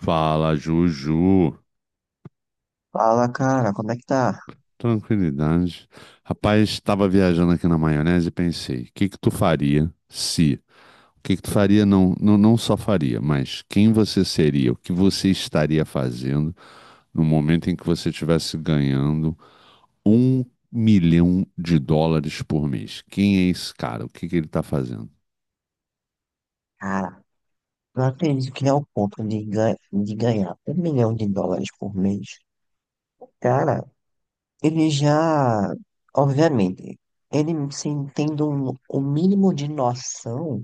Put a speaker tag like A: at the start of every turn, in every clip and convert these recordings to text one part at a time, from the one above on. A: Fala, Juju.
B: Fala, cara, como é que tá?
A: Tranquilidade. Rapaz, estava viajando aqui na maionese e pensei, o que que tu faria se... O que que tu faria, não só faria, mas quem você seria, o que você estaria fazendo no momento em que você estivesse ganhando 1 milhão de dólares por mês? Quem é esse cara? O que que ele está fazendo?
B: Cara, não acredito que é o ponto de, de ganhar US$ 1 milhão por mês. Cara, ele já, obviamente, ele sem tendo o mínimo de noção,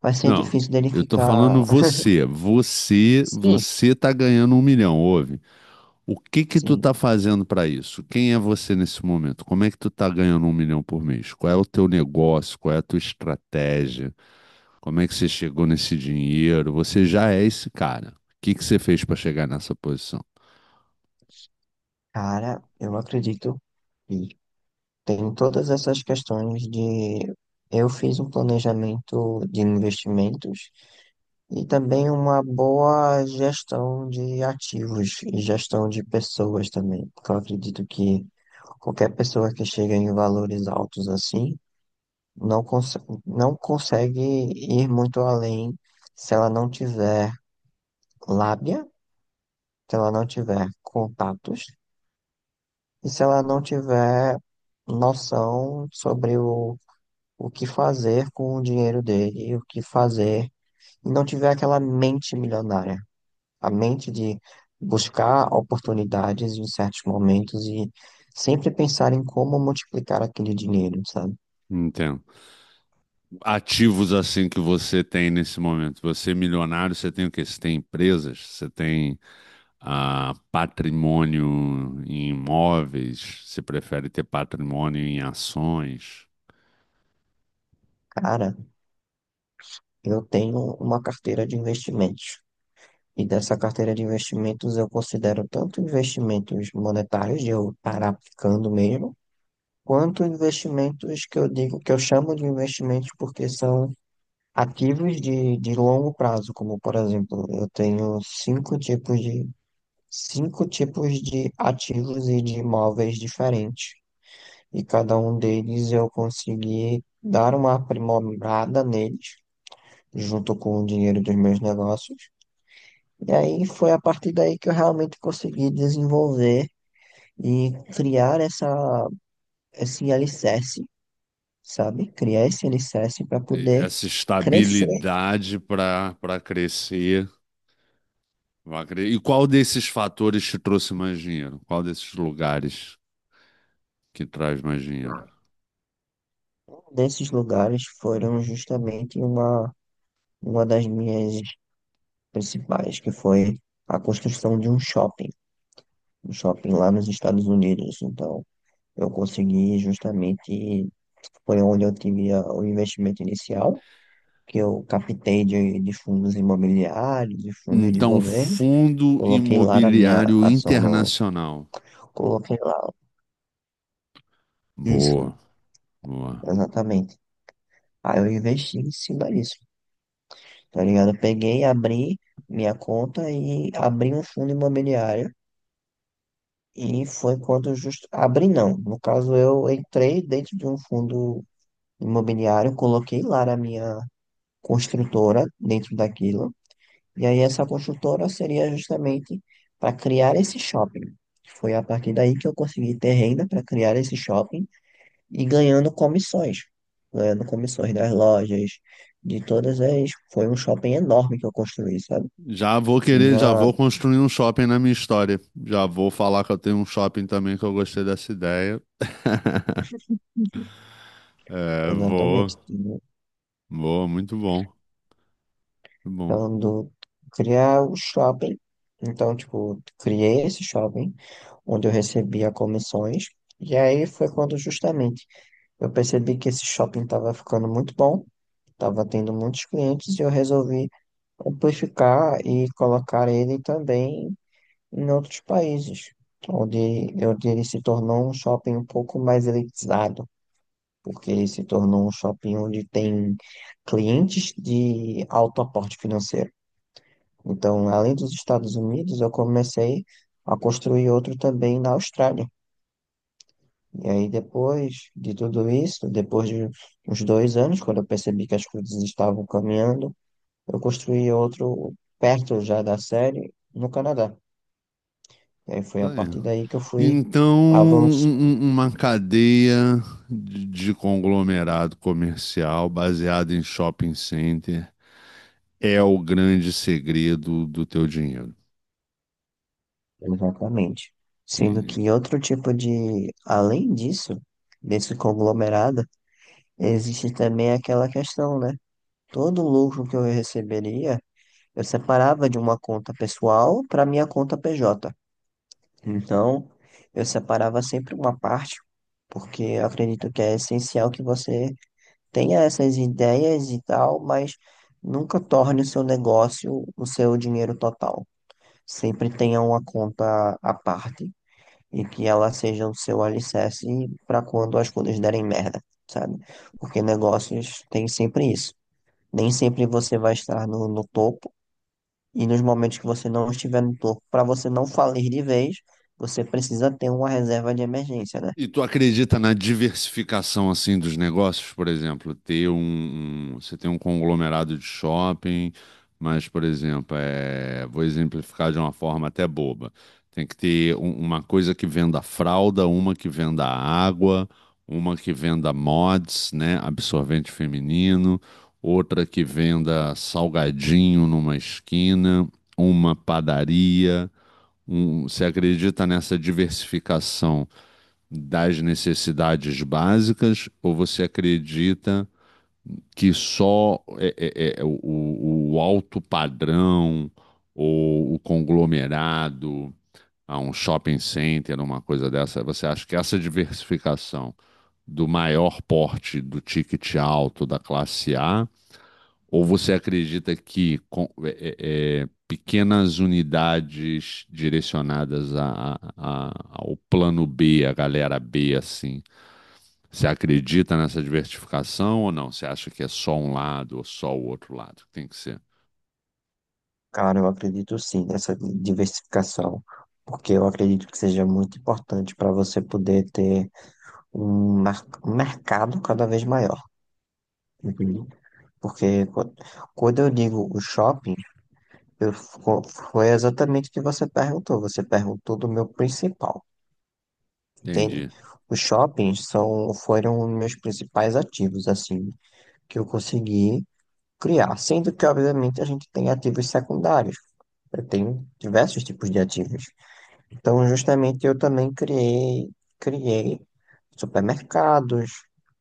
B: vai ser
A: Não,
B: difícil dele
A: eu tô
B: ficar.
A: falando você. Você,
B: Sim,
A: você tá ganhando 1 milhão, ouve? O que que tu tá
B: sim.
A: fazendo para isso? Quem é você nesse momento? Como é que tu tá ganhando 1 milhão por mês? Qual é o teu negócio? Qual é a tua estratégia? Como é que você chegou nesse dinheiro? Você já é esse cara. O que que você fez para chegar nessa posição?
B: Cara, eu acredito que tem todas essas questões de. Eu fiz um planejamento de investimentos. E também uma boa gestão de ativos e gestão de pessoas também, porque eu acredito que qualquer pessoa que chega em valores altos assim não consegue ir muito além se ela não tiver lábia, se ela não tiver contatos e se ela não tiver noção sobre o que fazer com o dinheiro dele e o que fazer e não tiver aquela mente milionária. A mente de buscar oportunidades em certos momentos e sempre pensar em como multiplicar aquele dinheiro, sabe?
A: Entendo. Ativos assim que você tem nesse momento. Você é milionário, você tem o quê? Você tem empresas, você tem patrimônio em imóveis, você prefere ter patrimônio em ações.
B: Cara, eu tenho uma carteira de investimentos. E dessa carteira de investimentos eu considero tanto investimentos monetários, de eu estar aplicando mesmo, quanto investimentos que eu digo que eu chamo de investimentos porque são ativos de longo prazo, como por exemplo, eu tenho cinco tipos de ativos e de imóveis diferentes. E cada um deles eu consegui dar uma aprimorada neles, junto com o dinheiro dos meus negócios. E aí foi a partir daí que eu realmente consegui desenvolver e criar esse alicerce, sabe? Criar esse alicerce para
A: E
B: poder
A: essa
B: crescer.
A: estabilidade para crescer, e qual desses fatores te trouxe mais dinheiro? Qual desses lugares que traz mais dinheiro?
B: Um desses lugares foram justamente uma das minhas principais, que foi a construção de um shopping. No shopping lá nos Estados Unidos. Então, eu consegui justamente, foi onde eu tive o investimento inicial, que eu captei de fundos imobiliários, de fundos de
A: Então,
B: governos,
A: Fundo
B: coloquei lá na minha
A: Imobiliário
B: ação, no,
A: Internacional.
B: coloquei lá, isso,
A: Boa, boa.
B: exatamente. Aí eu investi em cima disso, tá ligado? Eu peguei, abri minha conta e abri um fundo imobiliário. E foi quando justo abri, não. No caso, eu entrei dentro de um fundo imobiliário, coloquei lá a minha construtora dentro daquilo. E aí essa construtora seria justamente para criar esse shopping. Foi a partir daí que eu consegui ter renda para criar esse shopping e ganhando comissões, das lojas, de todas as. Foi um shopping enorme que eu construí, sabe?
A: Já vou querer, já
B: Tinha,
A: vou construir um shopping na minha história. Já vou falar que eu tenho um shopping também, que eu gostei dessa ideia. É,
B: exatamente.
A: muito bom, muito bom.
B: Então, do, criar o shopping. Então, tipo, criei esse shopping, onde eu recebia comissões. E aí foi quando justamente eu percebi que esse shopping estava ficando muito bom, estava tendo muitos clientes, e eu resolvi amplificar e colocar ele também em outros países, onde ele se tornou um shopping um pouco mais elitizado, porque ele se tornou um shopping onde tem clientes de alto aporte financeiro. Então, além dos Estados Unidos, eu comecei a construir outro também na Austrália. E aí, depois de tudo isso, depois de uns dois anos, quando eu percebi que as coisas estavam caminhando, eu construí outro perto já da série no Canadá. E aí foi a
A: Tá aí.
B: partir daí que eu fui
A: Então, um-
B: avançando,
A: um- um, uma cadeia de conglomerado comercial baseada em shopping center é o grande segredo do teu dinheiro.
B: exatamente. Sendo
A: Entende?
B: que outro tipo de, além disso, desse conglomerado, existe também aquela questão, né? Todo o lucro que eu receberia eu separava de uma conta pessoal para minha conta PJ. Então, eu separava sempre uma parte, porque eu acredito que é essencial que você tenha essas ideias e tal, mas nunca torne o seu negócio o seu dinheiro total. Sempre tenha uma conta à parte e que ela seja o seu alicerce para quando as coisas derem merda, sabe? Porque negócios têm sempre isso. Nem sempre você vai estar no topo e nos momentos que você não estiver no topo, para você não falir de vez, você precisa ter uma reserva de emergência, né?
A: E tu acredita na diversificação assim dos negócios, por exemplo, você tem um conglomerado de shopping, mas, por exemplo, é, vou exemplificar de uma forma até boba. Tem que ter uma coisa que venda fralda, uma que venda água, uma que venda mods, né, absorvente feminino, outra que venda salgadinho numa esquina, uma padaria. Você acredita nessa diversificação das necessidades básicas, ou você acredita que só é, o alto padrão ou o conglomerado, a um shopping center, uma coisa dessa? Você acha que essa diversificação do maior porte, do ticket alto, da classe A, ou você acredita que pequenas unidades direcionadas ao plano B, a galera B, assim, você acredita nessa diversificação ou não? Você acha que é só um lado ou só o outro lado? Tem que ser.
B: Cara, eu acredito sim nessa diversificação, porque eu acredito que seja muito importante para você poder ter um mercado cada vez maior, entendeu? Porque qu- Quando eu digo o shopping, eu, fo- foi exatamente o que você perguntou. Você perguntou do meu principal, entende?
A: Entendi.
B: Os shoppings são, foram meus principais ativos, assim, que eu consegui criar. Sendo que, obviamente, a gente tem ativos secundários. Eu tenho diversos tipos de ativos. Então, justamente, eu também criei supermercados,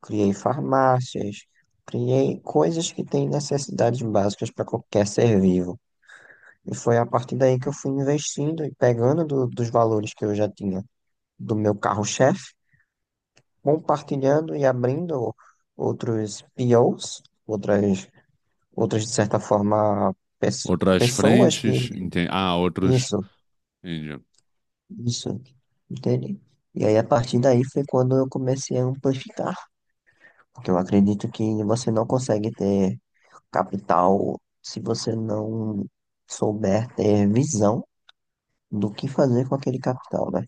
B: criei farmácias, criei coisas que têm necessidades básicas para qualquer ser vivo. E foi a partir daí que eu fui investindo e pegando dos valores que eu já tinha do meu carro-chefe, compartilhando e abrindo outros POs, outras, de certa forma,
A: Outras
B: pessoas que.
A: frentes, entendi. Ah, outros.
B: Isso,
A: Entendi.
B: isso, entende? E aí, a partir daí, foi quando eu comecei a amplificar. Porque eu acredito que você não consegue ter capital se você não souber ter visão do que fazer com aquele capital, né?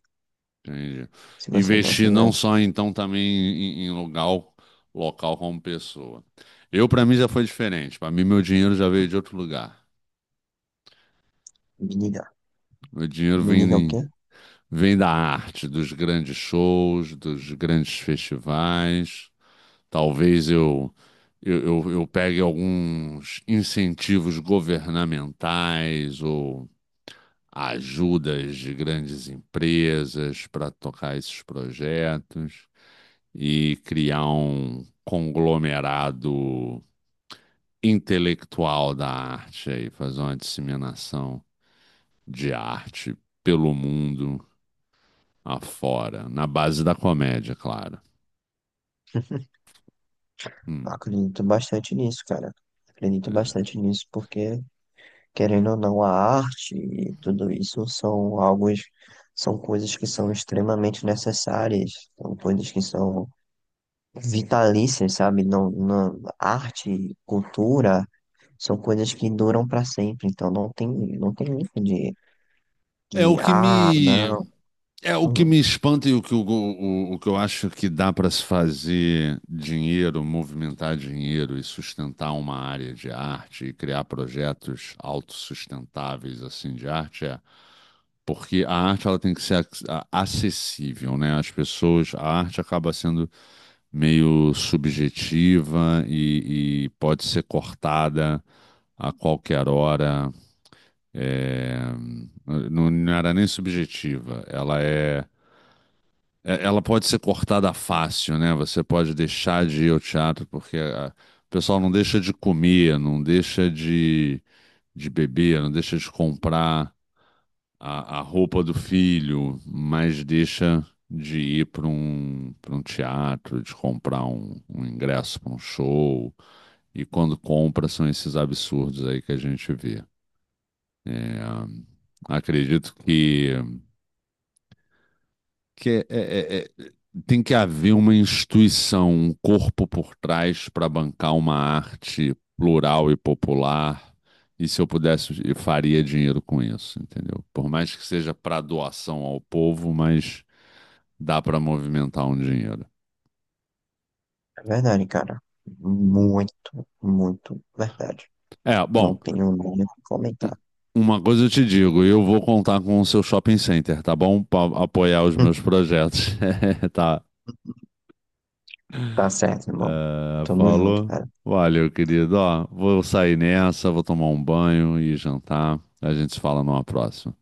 A: Entendi.
B: Se você não
A: Investir não
B: tivesse.
A: só então também em local como pessoa. Eu, para mim, já foi diferente. Para mim, meu dinheiro já veio de outro lugar.
B: Me diga.
A: Meu dinheiro
B: Me diga o
A: vem,
B: quê?
A: vem da arte, dos grandes shows, dos grandes festivais. Talvez eu pegue alguns incentivos governamentais ou ajudas de grandes empresas para tocar esses projetos e criar um conglomerado intelectual da arte aí, fazer uma disseminação de arte pelo mundo afora, na base da comédia, claro.
B: Eu
A: Hum,
B: acredito bastante nisso, cara. Acredito
A: é.
B: bastante nisso, porque. Querendo ou não, a arte e tudo isso são alguns, são coisas que são extremamente necessárias, são coisas que são vitalícias, sabe? Não, não, arte, cultura, são coisas que duram para sempre, então não tem, não tem isso
A: É o
B: de,
A: que
B: ah,
A: me
B: não.
A: É o que
B: Hum,
A: me espanta, e o que, que eu acho, que dá para se fazer dinheiro, movimentar dinheiro e sustentar uma área de arte e criar projetos autossustentáveis assim de arte é porque a arte, ela tem que ser acessível, né? As pessoas, a arte acaba sendo meio subjetiva e pode ser cortada a qualquer hora. É, não, não era nem subjetiva, ela ela pode ser cortada fácil, né? Você pode deixar de ir ao teatro, porque o pessoal não deixa de comer, não deixa de beber, não deixa de comprar a roupa do filho, mas deixa de ir para para um teatro, de comprar um ingresso para um show. E quando compra, são esses absurdos aí que a gente vê. É, ah, acredito que tem que haver uma instituição, um corpo por trás para bancar uma arte plural e popular. E se eu pudesse, eu faria dinheiro com isso, entendeu? Por mais que seja para doação ao povo, mas dá para movimentar um dinheiro.
B: é verdade, cara. Muito, muito verdade.
A: É,
B: Não
A: bom,
B: tenho nem o que
A: um-
B: comentar.
A: uma coisa eu te digo: eu vou contar com o seu shopping center, tá bom? Para apoiar os
B: Hum.
A: meus projetos. Tá,
B: Tá certo, irmão.
A: é,
B: Tamo junto,
A: falou.
B: cara.
A: Valeu, querido. Ó, vou sair nessa, vou tomar um banho e jantar. A gente se fala numa próxima.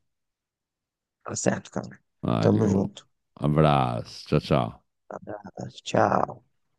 B: Tá certo, cara. Tamo
A: Valeu.
B: junto.
A: Abraço. Tchau, tchau.
B: Abraço, tchau.